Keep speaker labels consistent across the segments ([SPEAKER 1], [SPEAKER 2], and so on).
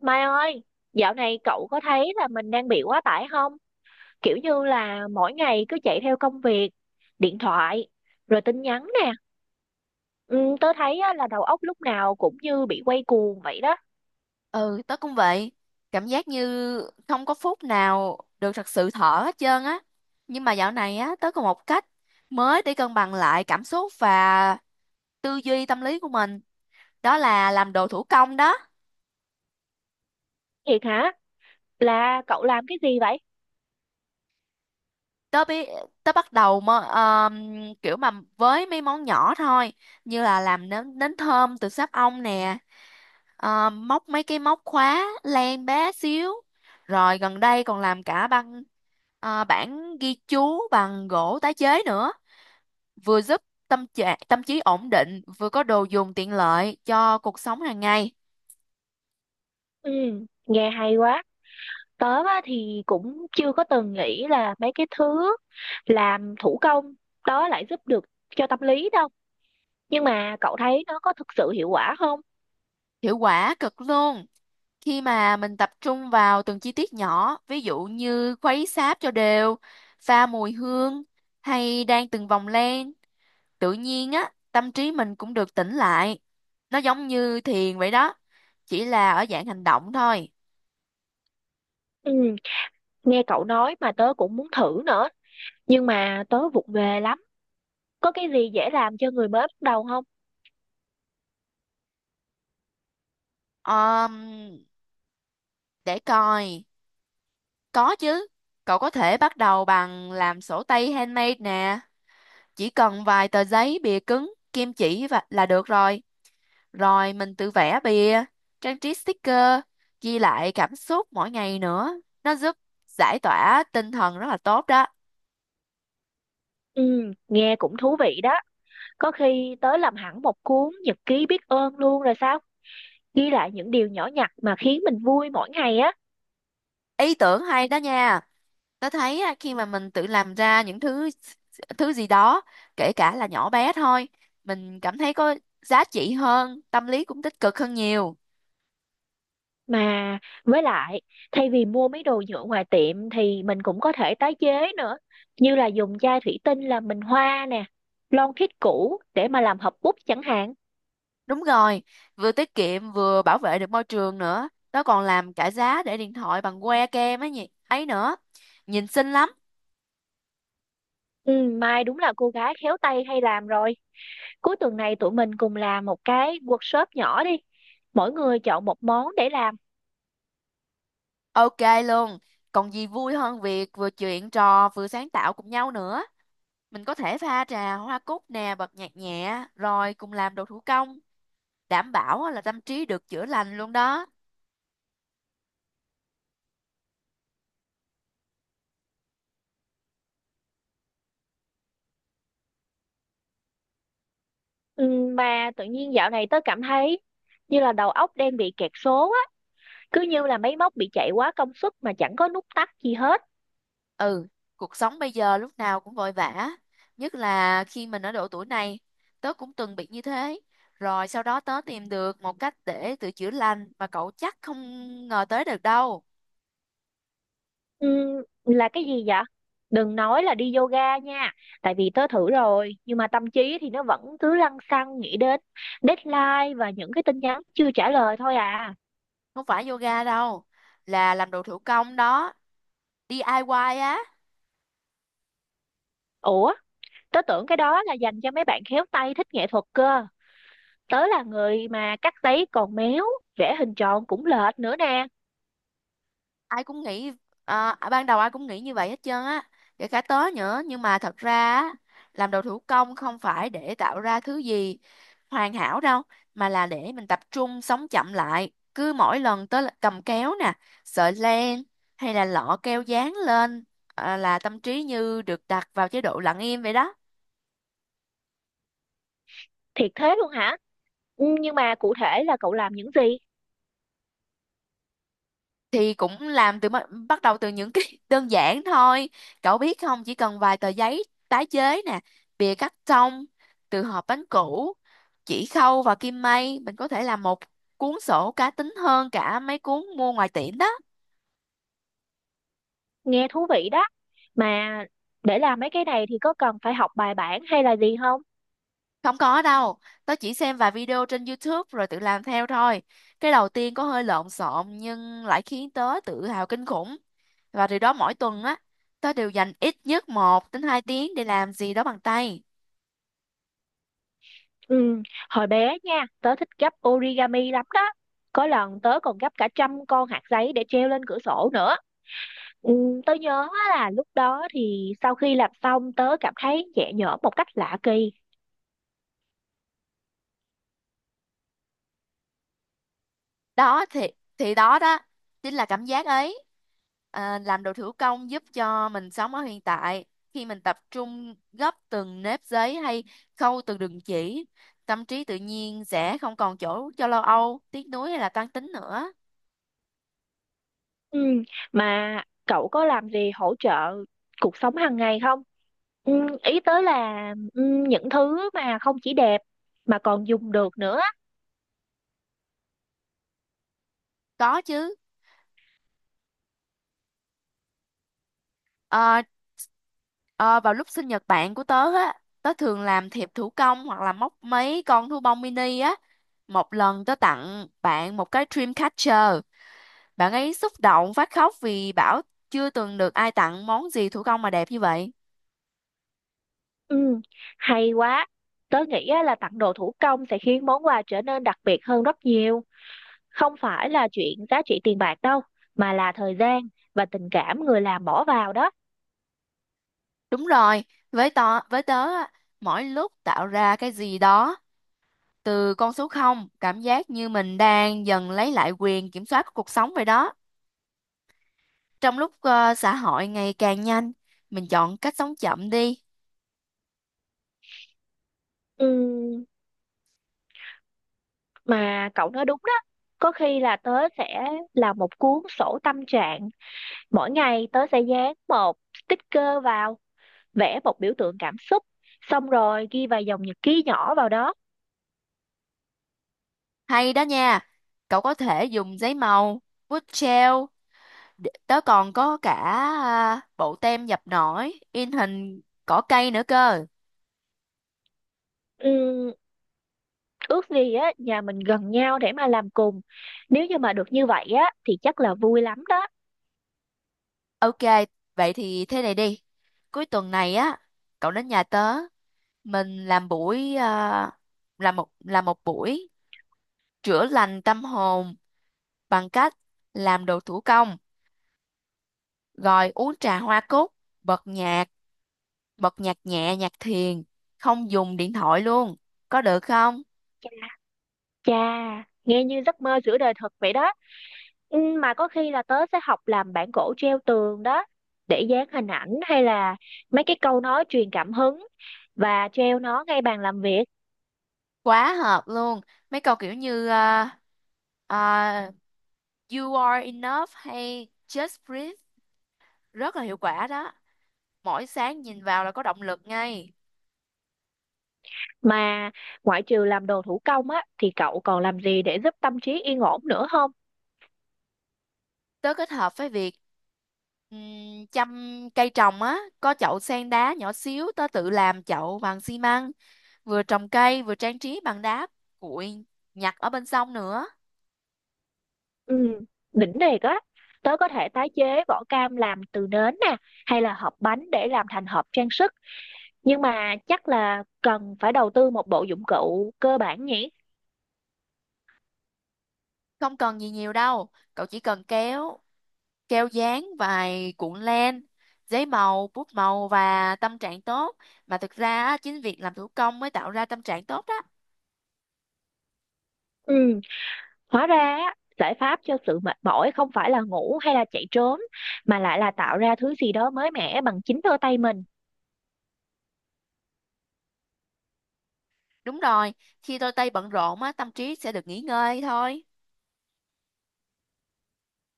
[SPEAKER 1] Mai ơi, dạo này cậu có thấy là mình đang bị quá tải không? Kiểu như là mỗi ngày cứ chạy theo công việc, điện thoại, rồi tin nhắn nè. Ừ, tớ thấy á, là đầu óc lúc nào cũng như bị quay cuồng vậy đó.
[SPEAKER 2] Ừ, tớ cũng vậy. Cảm giác như không có phút nào được thật sự thở hết trơn á. Nhưng mà dạo này á, tớ có một cách mới để cân bằng lại cảm xúc và tư duy tâm lý của mình. Đó là làm đồ thủ công đó.
[SPEAKER 1] Thiệt hả? Là cậu làm cái gì vậy?
[SPEAKER 2] Tớ biết tớ bắt đầu mà, kiểu mà với mấy món nhỏ thôi, như là làm nến nến thơm từ sáp ong nè, móc mấy cái móc khóa len bé xíu, rồi gần đây còn làm cả bảng ghi chú bằng gỗ tái chế nữa, vừa giúp tâm trí ổn định, vừa có đồ dùng tiện lợi cho cuộc sống hàng ngày.
[SPEAKER 1] Ừ, nghe hay quá. Tớ á, thì cũng chưa có từng nghĩ là mấy cái thứ làm thủ công đó lại giúp được cho tâm lý đâu. Nhưng mà cậu thấy nó có thực sự hiệu quả không?
[SPEAKER 2] Hiệu quả cực luôn. Khi mà mình tập trung vào từng chi tiết nhỏ, ví dụ như khuấy sáp cho đều, pha mùi hương, hay đan từng vòng len, tự nhiên á tâm trí mình cũng được tĩnh lại, nó giống như thiền vậy đó, chỉ là ở dạng hành động thôi.
[SPEAKER 1] Ừ. Nghe cậu nói mà tớ cũng muốn thử nữa, nhưng mà tớ vụng về lắm. Có cái gì dễ làm cho người mới bắt đầu không?
[SPEAKER 2] Ờm, để coi, có chứ. Cậu có thể bắt đầu bằng làm sổ tay handmade nè, chỉ cần vài tờ giấy bìa cứng, kim chỉ và là được rồi. Rồi mình tự vẽ bìa, trang trí sticker, ghi lại cảm xúc mỗi ngày nữa. Nó giúp giải tỏa tinh thần rất là tốt đó.
[SPEAKER 1] Ừ, nghe cũng thú vị đó. Có khi tớ làm hẳn một cuốn nhật ký biết ơn luôn rồi sao? Ghi lại những điều nhỏ nhặt mà khiến mình vui mỗi ngày á.
[SPEAKER 2] Ý tưởng hay đó nha. Tớ thấy á, khi mà mình tự làm ra những thứ thứ gì đó, kể cả là nhỏ bé thôi, mình cảm thấy có giá trị hơn, tâm lý cũng tích cực hơn nhiều.
[SPEAKER 1] Mà với lại, thay vì mua mấy đồ nhựa ngoài tiệm thì mình cũng có thể tái chế nữa. Như là dùng chai thủy tinh làm bình hoa nè, lon thiết cũ để mà làm hộp bút chẳng hạn.
[SPEAKER 2] Đúng rồi, vừa tiết kiệm vừa bảo vệ được môi trường nữa. Tớ còn làm cả giá để điện thoại bằng que kem ấy nhỉ, ấy nữa. Nhìn xinh lắm.
[SPEAKER 1] Ừ, Mai đúng là cô gái khéo tay hay làm rồi. Cuối tuần này tụi mình cùng làm một cái workshop nhỏ đi. Mỗi người chọn một món để làm.
[SPEAKER 2] Ok luôn. Còn gì vui hơn việc vừa chuyện trò vừa sáng tạo cùng nhau nữa. Mình có thể pha trà hoa cúc nè, bật nhạc nhẹ, rồi cùng làm đồ thủ công. Đảm bảo á là tâm trí được chữa lành luôn đó.
[SPEAKER 1] Mà tự nhiên dạo này tớ cảm thấy như là đầu óc đang bị kẹt số á. Cứ như là máy móc bị chạy quá công suất mà chẳng có nút tắt gì hết.
[SPEAKER 2] Ừ, cuộc sống bây giờ lúc nào cũng vội vã. Nhất là khi mình ở độ tuổi này, tớ cũng từng bị như thế. Rồi sau đó tớ tìm được một cách để tự chữa lành mà cậu chắc không ngờ tới được đâu.
[SPEAKER 1] Là cái gì vậy? Đừng nói là đi yoga nha. Tại vì tớ thử rồi. Nhưng mà tâm trí thì nó vẫn cứ lăng xăng nghĩ đến deadline và những cái tin nhắn chưa trả lời thôi à.
[SPEAKER 2] Không phải yoga đâu, là làm đồ thủ công đó, DIY á.
[SPEAKER 1] Ủa? Tớ tưởng cái đó là dành cho mấy bạn khéo tay thích nghệ thuật cơ. Tớ là người mà cắt giấy còn méo, vẽ hình tròn cũng lệch nữa nè.
[SPEAKER 2] Ai cũng nghĩ à, Ban đầu ai cũng nghĩ như vậy hết trơn á, kể cả tớ nữa, nhưng mà thật ra á, làm đồ thủ công không phải để tạo ra thứ gì hoàn hảo đâu, mà là để mình tập trung sống chậm lại. Cứ mỗi lần tớ là cầm kéo nè, sợi len, hay là lọ keo dán lên, là tâm trí như được đặt vào chế độ lặng im vậy đó.
[SPEAKER 1] Thiệt thế luôn hả? Ừ, nhưng mà cụ thể là cậu làm những gì?
[SPEAKER 2] Thì cũng làm từ bắt bắt đầu từ những cái đơn giản thôi. Cậu biết không, chỉ cần vài tờ giấy tái chế nè, bìa cắt tông từ hộp bánh cũ, chỉ khâu và kim may, mình có thể làm một cuốn sổ cá tính hơn cả mấy cuốn mua ngoài tiệm đó.
[SPEAKER 1] Nghe thú vị đó. Mà để làm mấy cái này thì có cần phải học bài bản hay là gì không?
[SPEAKER 2] Không có đâu, tớ chỉ xem vài video trên YouTube rồi tự làm theo thôi. Cái đầu tiên có hơi lộn xộn nhưng lại khiến tớ tự hào kinh khủng, và từ đó mỗi tuần á, tớ đều dành ít nhất một đến hai tiếng để làm gì đó bằng tay.
[SPEAKER 1] Ừ, hồi bé nha tớ thích gấp origami lắm đó. Có lần tớ còn gấp cả trăm con hạt giấy để treo lên cửa sổ nữa. Ừ, tớ nhớ là lúc đó thì sau khi làm xong tớ cảm thấy nhẹ nhõm một cách lạ kỳ.
[SPEAKER 2] Đó thì thì đó đó chính là cảm giác ấy. Làm đồ thủ công giúp cho mình sống ở hiện tại. Khi mình tập trung gấp từng nếp giấy hay khâu từng đường chỉ, tâm trí tự nhiên sẽ không còn chỗ cho lo âu, tiếc nuối hay là toan tính nữa.
[SPEAKER 1] Ừ. Mà cậu có làm gì hỗ trợ cuộc sống hàng ngày không? Ừ, ý tới là ừ, những thứ mà không chỉ đẹp mà còn dùng được nữa.
[SPEAKER 2] Có chứ. Ờ, ờ, Vào lúc sinh nhật bạn của tớ á, tớ thường làm thiệp thủ công hoặc là móc mấy con thú bông mini á. Một lần tớ tặng bạn một cái dream catcher. Bạn ấy xúc động phát khóc vì bảo chưa từng được ai tặng món gì thủ công mà đẹp như vậy.
[SPEAKER 1] Ừ, hay quá. Tớ nghĩ á, là tặng đồ thủ công sẽ khiến món quà trở nên đặc biệt hơn rất nhiều. Không phải là chuyện giá trị tiền bạc đâu, mà là thời gian và tình cảm người làm bỏ vào đó.
[SPEAKER 2] Đúng rồi, với tớ á, mỗi lúc tạo ra cái gì đó từ con số không, cảm giác như mình đang dần lấy lại quyền kiểm soát của cuộc sống vậy đó. Trong lúc xã hội ngày càng nhanh, mình chọn cách sống chậm đi.
[SPEAKER 1] Ừ, mà cậu nói đúng đó. Có khi là tớ sẽ làm một cuốn sổ tâm trạng. Mỗi ngày tớ sẽ dán một sticker vào, vẽ một biểu tượng cảm xúc, xong rồi ghi vài dòng nhật ký nhỏ vào đó.
[SPEAKER 2] Hay đó nha, cậu có thể dùng giấy màu, bút gel, tớ còn có cả bộ tem dập nổi, in hình cỏ cây nữa cơ.
[SPEAKER 1] Ừm, ước gì á nhà mình gần nhau để mà làm cùng. Nếu như mà được như vậy á thì chắc là vui lắm đó.
[SPEAKER 2] Ok, vậy thì thế này đi. Cuối tuần này á, cậu đến nhà tớ, mình làm làm một buổi chữa lành tâm hồn bằng cách làm đồ thủ công, rồi uống trà hoa cúc, bật nhạc, bật nhạc nhẹ, nhạc thiền, không dùng điện thoại luôn. Có được không?
[SPEAKER 1] Chà, nghe như giấc mơ giữa đời thật vậy đó. Mà có khi là tớ sẽ học làm bản gỗ treo tường đó, để dán hình ảnh hay là mấy cái câu nói truyền cảm hứng và treo nó ngay bàn làm việc.
[SPEAKER 2] Quá hợp luôn. Mấy câu kiểu như à, You are enough hay Just breathe rất là hiệu quả đó. Mỗi sáng nhìn vào là có động lực ngay.
[SPEAKER 1] Mà ngoại trừ làm đồ thủ công á thì cậu còn làm gì để giúp tâm trí yên ổn nữa không?
[SPEAKER 2] Tớ kết hợp với việc chăm cây trồng á, có chậu sen đá nhỏ xíu tớ tự làm chậu bằng xi măng, vừa trồng cây vừa trang trí bằng đá cuội nhặt ở bên sông nữa.
[SPEAKER 1] Ừ, đỉnh thiệt á. Tớ có thể tái chế vỏ cam làm từ nến nè, hay là hộp bánh để làm thành hộp trang sức. Nhưng mà chắc là cần phải đầu tư một bộ dụng cụ cơ bản nhỉ?
[SPEAKER 2] Không cần gì nhiều đâu, cậu chỉ cần kéo, keo dán, vài cuộn len, giấy màu, bút màu và tâm trạng tốt. Mà thực ra á, chính việc làm thủ công mới tạo ra tâm trạng tốt đó.
[SPEAKER 1] Ừ, hóa ra á, giải pháp cho sự mệt mỏi không phải là ngủ hay là chạy trốn, mà lại là tạo ra thứ gì đó mới mẻ bằng chính đôi tay mình.
[SPEAKER 2] Đúng rồi, khi đôi tay bận rộn á, tâm trí sẽ được nghỉ ngơi thôi.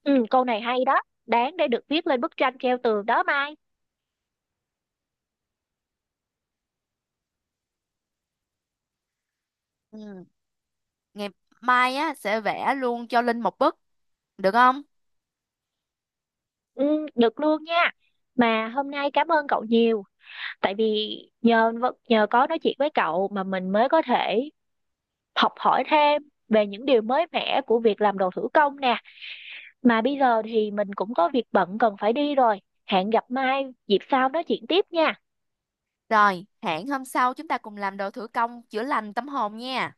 [SPEAKER 1] Ừ, câu này hay đó, đáng để được viết lên bức tranh treo tường đó Mai.
[SPEAKER 2] Ừ. Ngày mai á sẽ vẽ luôn cho Linh một bức, được không?
[SPEAKER 1] Ừ, được luôn nha. Mà hôm nay cảm ơn cậu nhiều, tại vì nhờ có nói chuyện với cậu mà mình mới có thể học hỏi thêm về những điều mới mẻ của việc làm đồ thủ công nè. Mà bây giờ thì mình cũng có việc bận cần phải đi rồi. Hẹn gặp mai dịp sau nói chuyện tiếp nha.
[SPEAKER 2] Rồi, hẹn hôm sau chúng ta cùng làm đồ thủ công chữa lành tâm hồn nha.